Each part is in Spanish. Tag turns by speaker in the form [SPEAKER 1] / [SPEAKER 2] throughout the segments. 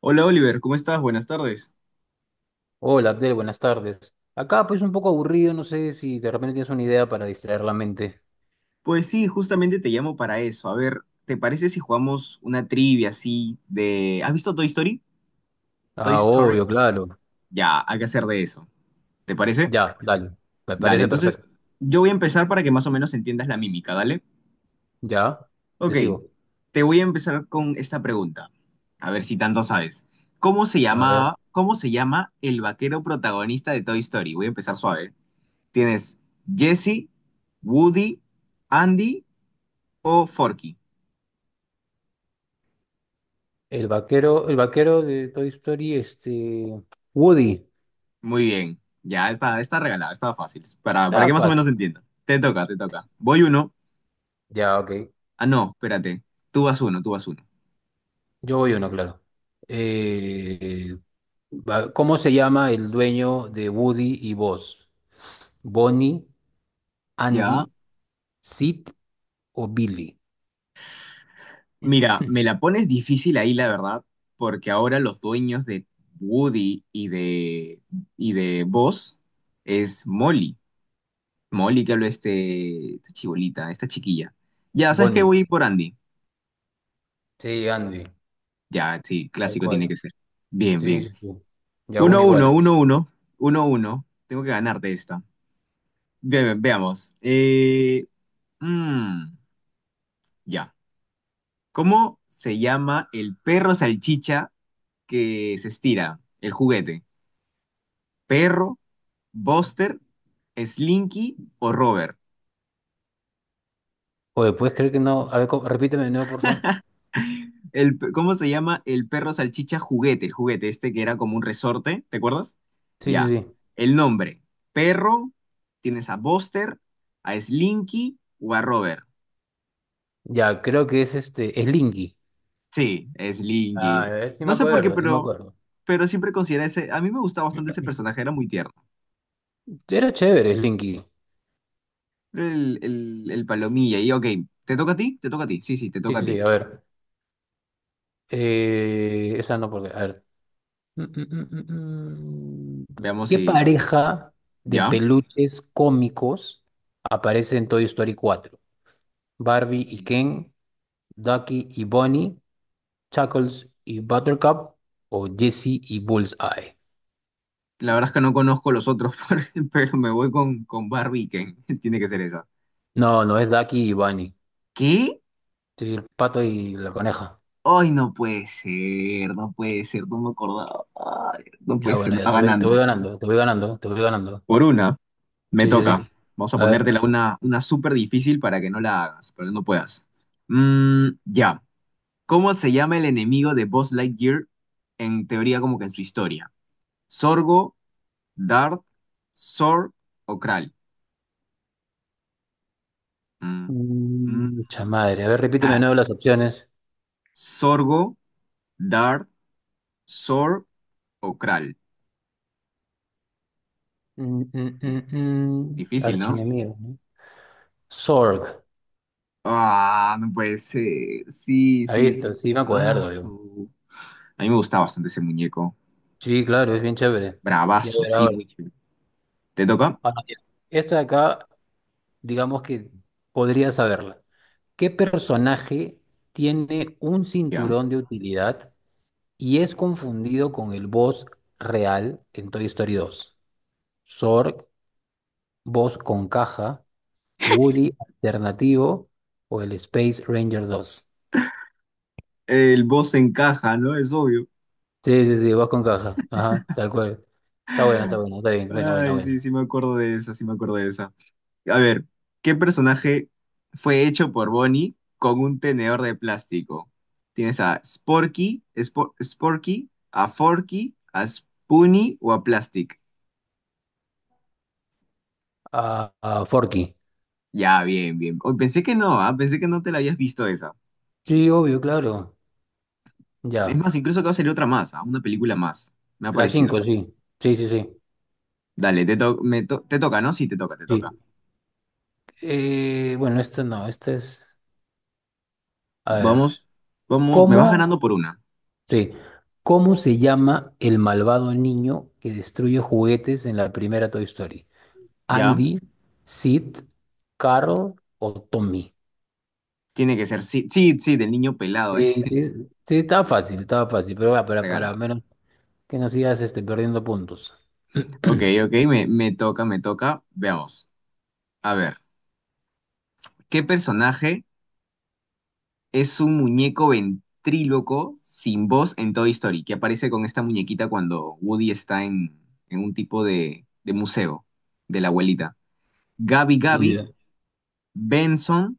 [SPEAKER 1] Hola Oliver, ¿cómo estás? Buenas tardes.
[SPEAKER 2] Hola Abdel, buenas tardes. Acá pues un poco aburrido, no sé si de repente tienes una idea para distraer la mente.
[SPEAKER 1] Pues sí, justamente te llamo para eso. A ver, ¿te parece si jugamos una trivia así de... ¿Has visto Toy Story? Toy
[SPEAKER 2] Ah,
[SPEAKER 1] Story.
[SPEAKER 2] obvio, claro.
[SPEAKER 1] Ya, hay que hacer de eso. ¿Te parece?
[SPEAKER 2] Ya, dale. Me
[SPEAKER 1] Dale,
[SPEAKER 2] parece
[SPEAKER 1] entonces
[SPEAKER 2] perfecto.
[SPEAKER 1] yo voy a empezar para que más o menos entiendas la mímica, ¿dale?
[SPEAKER 2] Ya, te
[SPEAKER 1] Ok,
[SPEAKER 2] sigo.
[SPEAKER 1] te voy a empezar con esta pregunta. A ver si tanto sabes. ¿Cómo se
[SPEAKER 2] A ver.
[SPEAKER 1] llamaba, cómo se llama el vaquero protagonista de Toy Story? Voy a empezar suave. Tienes Jesse, Woody, Andy o Forky.
[SPEAKER 2] El vaquero de Toy Story, Woody.
[SPEAKER 1] Muy bien, ya está, está regalado, está fácil, para
[SPEAKER 2] Ah,
[SPEAKER 1] que más o menos
[SPEAKER 2] fácil.
[SPEAKER 1] entiendas. Te toca, te toca. Voy uno.
[SPEAKER 2] Ya, ok.
[SPEAKER 1] Ah, no, espérate. Tú vas uno, tú vas uno.
[SPEAKER 2] Yo voy uno, claro. Eh, ¿Cómo se llama el dueño de Woody y Buzz? ¿Bonnie,
[SPEAKER 1] Ya.
[SPEAKER 2] Andy, Sid o Billy?
[SPEAKER 1] Mira, me la pones difícil ahí, la verdad, porque ahora los dueños de Woody y de Buzz es Molly. Molly, que habló este, esta chibolita, esta chiquilla. Ya, ¿sabes qué?
[SPEAKER 2] Bonnie.
[SPEAKER 1] Voy por Andy.
[SPEAKER 2] Sí, Andy.
[SPEAKER 1] Ya, sí,
[SPEAKER 2] Tal
[SPEAKER 1] clásico tiene
[SPEAKER 2] cual.
[SPEAKER 1] que ser. Bien,
[SPEAKER 2] Sí, sí,
[SPEAKER 1] bien.
[SPEAKER 2] sí. Y aún
[SPEAKER 1] Uno, uno,
[SPEAKER 2] igual.
[SPEAKER 1] uno, uno, uno, uno. Tengo que ganarte esta. Veamos. Mm, ya. ¿Cómo se llama el perro salchicha que se estira? El juguete. ¿Perro, Buster, Slinky o Robert?
[SPEAKER 2] Oye, ¿puedes creer que no? A ver, repíteme de nuevo, porfa.
[SPEAKER 1] El, ¿cómo se llama el perro salchicha juguete? El juguete este que era como un resorte, ¿te acuerdas?
[SPEAKER 2] Sí, sí,
[SPEAKER 1] Ya.
[SPEAKER 2] sí.
[SPEAKER 1] El nombre. Perro, tienes a Buster, a Slinky o a Robert.
[SPEAKER 2] Ya, creo que es este, es Linky.
[SPEAKER 1] Sí, Slinky.
[SPEAKER 2] Ah, sí me
[SPEAKER 1] No sé por qué,
[SPEAKER 2] acuerdo, sí me acuerdo.
[SPEAKER 1] pero siempre considera ese, a mí me gustaba bastante ese personaje, era muy tierno.
[SPEAKER 2] Era chévere, Slinky.
[SPEAKER 1] El palomilla, y ok, ¿te toca a ti? Te toca a ti, sí, sí, te
[SPEAKER 2] Sí,
[SPEAKER 1] toca a
[SPEAKER 2] sí,
[SPEAKER 1] ti.
[SPEAKER 2] sí, a ver. Esa no, porque, a ver. Mm, mm, mm, mm, mm.
[SPEAKER 1] Veamos
[SPEAKER 2] ¿Qué
[SPEAKER 1] si,
[SPEAKER 2] pareja de
[SPEAKER 1] ¿ya?
[SPEAKER 2] peluches cómicos aparece en Toy Story cuatro? ¿Barbie y
[SPEAKER 1] Uy.
[SPEAKER 2] Ken? ¿Ducky y Bonnie? ¿Chuckles y Buttercup? ¿O Jessie y Bullseye?
[SPEAKER 1] La verdad es que no conozco los otros, pero me voy con Barbie Ken, tiene que ser esa.
[SPEAKER 2] No, no es Ducky y Bunny.
[SPEAKER 1] ¿Qué?
[SPEAKER 2] Sí, el pato y la coneja.
[SPEAKER 1] Ay, no puede ser, no puede ser, no me acordaba. Ay, no puede
[SPEAKER 2] Ya,
[SPEAKER 1] ser,
[SPEAKER 2] bueno,
[SPEAKER 1] me
[SPEAKER 2] ya
[SPEAKER 1] va
[SPEAKER 2] te
[SPEAKER 1] ganando.
[SPEAKER 2] voy ganando, te voy ganando, te voy ganando.
[SPEAKER 1] Por una, me
[SPEAKER 2] Sí, sí,
[SPEAKER 1] toca.
[SPEAKER 2] sí.
[SPEAKER 1] Vamos a
[SPEAKER 2] A ver.
[SPEAKER 1] ponértela una súper difícil para que no la hagas, para que no puedas. Ya. ¿Cómo se llama el enemigo de Buzz Lightyear en teoría como que en su historia? ¿Sorgo, Dart, Sor o Kral? Mm, mm,
[SPEAKER 2] Mm, mucha madre. A ver, repíteme de
[SPEAKER 1] ah,
[SPEAKER 2] nuevo las opciones.
[SPEAKER 1] ¿Sorgo, Dart, Sor o Kral?
[SPEAKER 2] Mm.
[SPEAKER 1] Difícil, ¿no?
[SPEAKER 2] Archienemigo, ¿no? Zorg.
[SPEAKER 1] Ah, no puede ser. Sí,
[SPEAKER 2] Ahí
[SPEAKER 1] sí,
[SPEAKER 2] está,
[SPEAKER 1] sí.
[SPEAKER 2] sí me
[SPEAKER 1] Ah,
[SPEAKER 2] acuerdo yo.
[SPEAKER 1] a mí me gustaba bastante ese muñeco.
[SPEAKER 2] Sí, claro, es bien chévere. Ya
[SPEAKER 1] Bravazo,
[SPEAKER 2] ver
[SPEAKER 1] sí,
[SPEAKER 2] ahora.
[SPEAKER 1] muy chévere. ¿Te toca?
[SPEAKER 2] Ahora, mira, esta de acá, digamos que podría saberla. ¿Qué personaje tiene un
[SPEAKER 1] Ya.
[SPEAKER 2] cinturón de utilidad y es confundido con el boss real en Toy Story dos? ¿Zorg, boss con caja, Woody alternativo o el Space Ranger dos?
[SPEAKER 1] El boss encaja, ¿no? Es obvio.
[SPEAKER 2] Sí, sí, sí, boss con caja. Ajá, tal cual. Está bueno, está bueno, está bien. Bueno, bueno,
[SPEAKER 1] Ay,
[SPEAKER 2] bueno.
[SPEAKER 1] sí, sí me acuerdo de esa, sí me acuerdo de esa. A ver, ¿qué personaje fue hecho por Bonnie con un tenedor de plástico? Tienes a Sporky, Sporky, a Forky, a Spoonie o a Plastic.
[SPEAKER 2] Forky.
[SPEAKER 1] Ya, bien, bien. Oh, pensé que no, ah, pensé que no te la habías visto esa.
[SPEAKER 2] Sí, obvio, claro.
[SPEAKER 1] Es
[SPEAKER 2] Ya.
[SPEAKER 1] más, incluso que va a salir otra más, ah, una película más. Me ha
[SPEAKER 2] La
[SPEAKER 1] parecido.
[SPEAKER 2] 5 sí. Sí, sí, sí.
[SPEAKER 1] Dale, te, to- me to- te toca, ¿no? Sí, te toca, te toca.
[SPEAKER 2] Sí. Bueno, esta no, esta es. A ver.
[SPEAKER 1] Vamos, vamos, me vas
[SPEAKER 2] ¿Cómo
[SPEAKER 1] ganando por una.
[SPEAKER 2] Sí. ¿Cómo se llama el malvado niño que destruye juguetes en la primera Toy Story?
[SPEAKER 1] ¿Ya?
[SPEAKER 2] ¿Andy, Sid, Carl o Tommy?
[SPEAKER 1] Tiene que ser, sí, sí, sí, del niño pelado ese.
[SPEAKER 2] Sí, sí, sí, estaba fácil, pero va, para
[SPEAKER 1] Regala.
[SPEAKER 2] menos que no sigas perdiendo puntos.
[SPEAKER 1] Ok, ok, me toca, me toca. Veamos. A ver, ¿qué personaje es un muñeco ventríloco sin voz en Toy Story? Que aparece con esta muñequita cuando Woody está en un tipo de museo de la abuelita. ¿Gabi Gabi,
[SPEAKER 2] Ya.
[SPEAKER 1] Benson,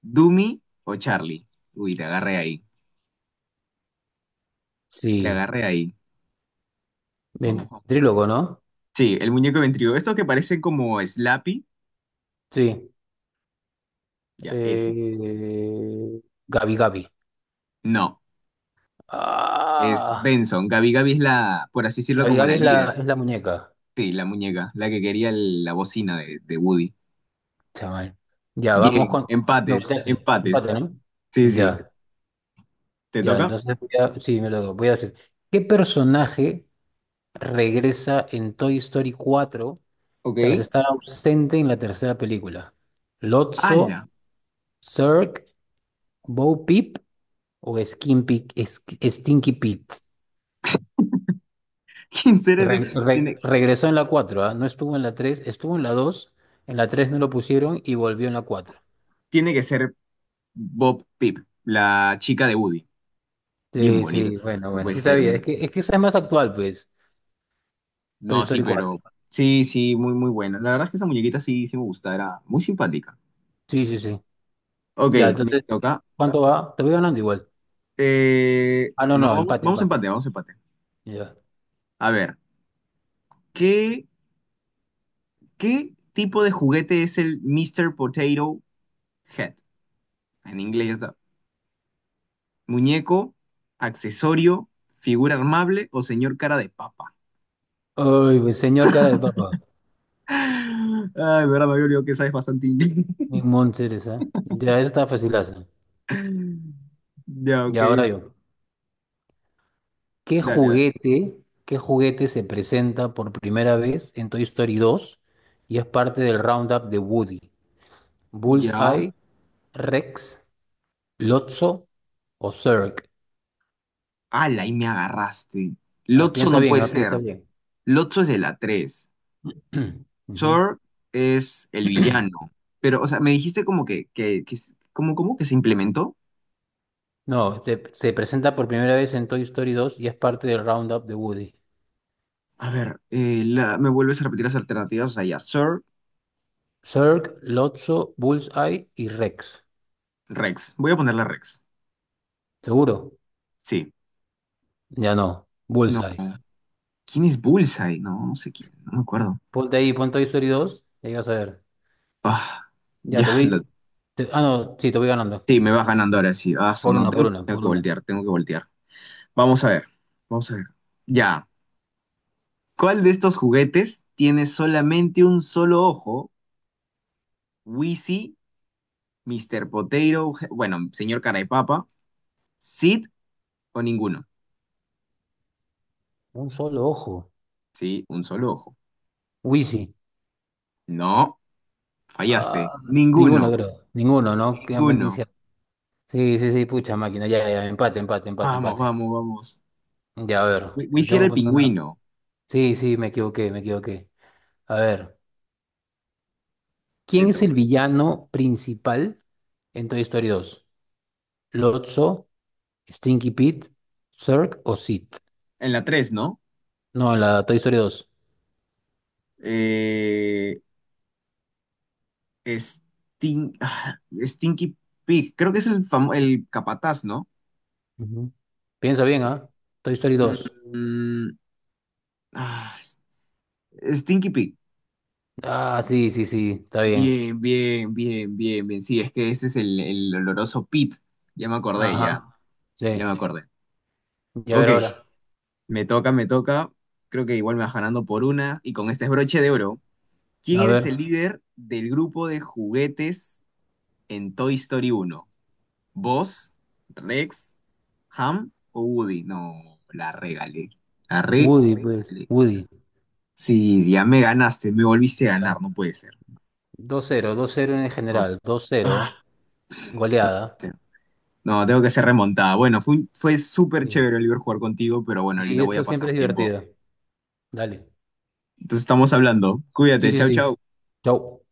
[SPEAKER 1] Doomy o Charlie? Uy, te agarré ahí. Te
[SPEAKER 2] Sí,
[SPEAKER 1] agarré ahí. Vamos, vamos.
[SPEAKER 2] ventrílogo, ¿no?
[SPEAKER 1] Sí, el muñeco ventríloco. Estos que parecen como Slappy.
[SPEAKER 2] Sí.
[SPEAKER 1] Ya, ese.
[SPEAKER 2] Eh, Gabi Gabi.
[SPEAKER 1] No, es
[SPEAKER 2] Ah,
[SPEAKER 1] Benson. Gabi Gabi es la, por así decirlo,
[SPEAKER 2] Gabi
[SPEAKER 1] como
[SPEAKER 2] Gabi
[SPEAKER 1] la
[SPEAKER 2] es
[SPEAKER 1] líder.
[SPEAKER 2] es la muñeca.
[SPEAKER 1] Sí, la muñeca, la que quería la bocina de Woody.
[SPEAKER 2] Chaval. Ya, vamos
[SPEAKER 1] Bien,
[SPEAKER 2] con. Me
[SPEAKER 1] empates,
[SPEAKER 2] volteaste.
[SPEAKER 1] empates.
[SPEAKER 2] Empate, ¿no?
[SPEAKER 1] Sí, sí.
[SPEAKER 2] Ya,
[SPEAKER 1] ¿Te
[SPEAKER 2] ya.
[SPEAKER 1] toca?
[SPEAKER 2] Entonces, sí, me lo doy. Voy a decir. ¿Qué personaje regresa en Toy Story cuatro tras
[SPEAKER 1] Ok.
[SPEAKER 2] estar ausente en la tercera película? ¿Lotso,
[SPEAKER 1] ¡Hala!
[SPEAKER 2] Zurg, Bo Peep o Stinky Pete?
[SPEAKER 1] ¿Quién será ese? Tiene,
[SPEAKER 2] ¿Regresó en la cuatro, ah? No estuvo en la 3, estuvo en la dos. En la tres no lo pusieron y volvió en la 4.
[SPEAKER 1] tiene que ser Bob Pip, la chica de Woody. Bien
[SPEAKER 2] Sí,
[SPEAKER 1] bonito.
[SPEAKER 2] sí, bueno,
[SPEAKER 1] No
[SPEAKER 2] bueno,
[SPEAKER 1] puede
[SPEAKER 2] sí
[SPEAKER 1] ser.
[SPEAKER 2] sabía. Es que esa es más actual, pues. Toy
[SPEAKER 1] No, sí,
[SPEAKER 2] Story cuatro.
[SPEAKER 1] pero. Sí, sí, muy, muy buena. La verdad es que esa muñequita sí, sí me gusta, era muy simpática.
[SPEAKER 2] Sí, sí, sí.
[SPEAKER 1] Ok,
[SPEAKER 2] Ya,
[SPEAKER 1] me
[SPEAKER 2] entonces,
[SPEAKER 1] toca.
[SPEAKER 2] ¿cuánto va? Te voy ganando igual. Ah, no,
[SPEAKER 1] No,
[SPEAKER 2] no,
[SPEAKER 1] vamos,
[SPEAKER 2] empate,
[SPEAKER 1] vamos a empate,
[SPEAKER 2] empate.
[SPEAKER 1] vamos a empate.
[SPEAKER 2] Ya.
[SPEAKER 1] A ver, ¿qué, qué tipo de juguete es el Mr. Potato Head? En inglés está. Muñeco, accesorio, figura armable o señor cara de papa.
[SPEAKER 2] Ay, pues, señor cara de papa.
[SPEAKER 1] Ay, verdad, me había olvidado que sabes bastante inglés.
[SPEAKER 2] Mi Mom Ceres, ¿eh? Ya, esa está facilaza.
[SPEAKER 1] Ya,
[SPEAKER 2] Y
[SPEAKER 1] ok.
[SPEAKER 2] ahora yo. ¿Qué
[SPEAKER 1] Dale, dale.
[SPEAKER 2] juguete, ¿qué juguete se presenta por primera vez en Toy Story dos y es parte del Roundup de Woody?
[SPEAKER 1] Ya.
[SPEAKER 2] ¿Bullseye, Rex, Lotso o Zurg?
[SPEAKER 1] Ala, ahí me agarraste.
[SPEAKER 2] Ah,
[SPEAKER 1] Lotso
[SPEAKER 2] piensa
[SPEAKER 1] no
[SPEAKER 2] bien,
[SPEAKER 1] puede
[SPEAKER 2] ah,
[SPEAKER 1] ser.
[SPEAKER 2] piensa bien.
[SPEAKER 1] Lotso es de la 3.
[SPEAKER 2] Ujú.
[SPEAKER 1] Thor es el villano. Pero, o sea, me dijiste como que, ¿cómo, cómo que se implementó?
[SPEAKER 2] No, se presenta por primera vez en Toy Story dos y es parte del Roundup de Woody.
[SPEAKER 1] A ver, me vuelves a repetir las alternativas. O sea, ya, Thor,
[SPEAKER 2] Zurg, Lotso, Bullseye y Rex.
[SPEAKER 1] Rex. Voy a ponerle Rex.
[SPEAKER 2] ¿Seguro?
[SPEAKER 1] Sí.
[SPEAKER 2] Ya no,
[SPEAKER 1] No.
[SPEAKER 2] Bullseye.
[SPEAKER 1] ¿Quién es Bullseye? No, no sé quién, no me acuerdo.
[SPEAKER 2] Ponte ahí, pon Toy Story dos, y ahí vas a ver.
[SPEAKER 1] Ah,
[SPEAKER 2] Ya
[SPEAKER 1] ya,
[SPEAKER 2] te voy. Ah, no, sí, te voy ganando.
[SPEAKER 1] sí, me vas ganando ahora sí. Ah,
[SPEAKER 2] Por
[SPEAKER 1] no,
[SPEAKER 2] una, por
[SPEAKER 1] tengo,
[SPEAKER 2] una,
[SPEAKER 1] tengo
[SPEAKER 2] por
[SPEAKER 1] que
[SPEAKER 2] una.
[SPEAKER 1] voltear, tengo que voltear. Vamos a ver, vamos a ver. Ya, ¿cuál de estos juguetes tiene solamente un solo ojo? Wheezy, Mr. Potato, je- bueno, señor Carapapa, Sid o ninguno.
[SPEAKER 2] Un solo ojo.
[SPEAKER 1] Sí, un solo ojo.
[SPEAKER 2] Wheezy.
[SPEAKER 1] No, fallaste.
[SPEAKER 2] Ah,
[SPEAKER 1] Ninguno,
[SPEAKER 2] ninguno, creo. Ninguno, ¿no? Quedan más.
[SPEAKER 1] ninguno.
[SPEAKER 2] Sí, sí, sí, pucha máquina. Ya, ya, empate, empate, empate,
[SPEAKER 1] Vamos,
[SPEAKER 2] empate.
[SPEAKER 1] vamos, vamos.
[SPEAKER 2] Ya, a ver. Te
[SPEAKER 1] Wheezy
[SPEAKER 2] tengo
[SPEAKER 1] era
[SPEAKER 2] que
[SPEAKER 1] el
[SPEAKER 2] poner una.
[SPEAKER 1] pingüino.
[SPEAKER 2] Sí, sí, me equivoqué, me equivoqué. A ver.
[SPEAKER 1] Te
[SPEAKER 2] ¿Quién es el
[SPEAKER 1] toca.
[SPEAKER 2] villano principal en Toy Story dos? ¿Lotso, Stinky Pete, Zurg o Sid?
[SPEAKER 1] En la 3 ¿no?
[SPEAKER 2] No, en la Toy Story dos.
[SPEAKER 1] Eh, Stin- ah, Stinky Pig, creo que es el, el capataz, ¿no?
[SPEAKER 2] Ujú. Piensa bien, ¿ah? Toy Story dos.
[SPEAKER 1] Mm, ah, Stinky Pig.
[SPEAKER 2] Ah, sí, sí, sí, está bien.
[SPEAKER 1] Bien, bien, bien, bien, bien. Sí, es que ese es el oloroso Pit. Ya me acordé,
[SPEAKER 2] Ajá,
[SPEAKER 1] ya. Ya me
[SPEAKER 2] sí.
[SPEAKER 1] acordé.
[SPEAKER 2] Y a
[SPEAKER 1] Ok,
[SPEAKER 2] ver ahora.
[SPEAKER 1] me toca, me toca. Creo que igual me vas ganando por una. Y con este es broche de oro. ¿Quién
[SPEAKER 2] A
[SPEAKER 1] eres el
[SPEAKER 2] ver.
[SPEAKER 1] líder del grupo de juguetes en Toy Story uno? ¿Vos, Rex, ¿Ham o Woody? No, la regalé. La
[SPEAKER 2] Woody, pues.
[SPEAKER 1] regalé.
[SPEAKER 2] Woody.
[SPEAKER 1] Sí, ya me ganaste, me volviste a ganar,
[SPEAKER 2] Ya.
[SPEAKER 1] no puede ser.
[SPEAKER 2] 2-0, 2-0 en
[SPEAKER 1] No,
[SPEAKER 2] general. Dos cero.
[SPEAKER 1] ah,
[SPEAKER 2] Goleada.
[SPEAKER 1] te- no, tengo que ser remontada. Bueno, fue, fue súper
[SPEAKER 2] Sí.
[SPEAKER 1] chévere, Oliver, jugar contigo, pero bueno,
[SPEAKER 2] Sí,
[SPEAKER 1] ahorita voy a
[SPEAKER 2] esto siempre
[SPEAKER 1] pasar
[SPEAKER 2] es
[SPEAKER 1] tiempo.
[SPEAKER 2] divertido. Dale.
[SPEAKER 1] Entonces estamos hablando.
[SPEAKER 2] Sí,
[SPEAKER 1] Cuídate,
[SPEAKER 2] sí,
[SPEAKER 1] chau,
[SPEAKER 2] sí.
[SPEAKER 1] chau.
[SPEAKER 2] Chau.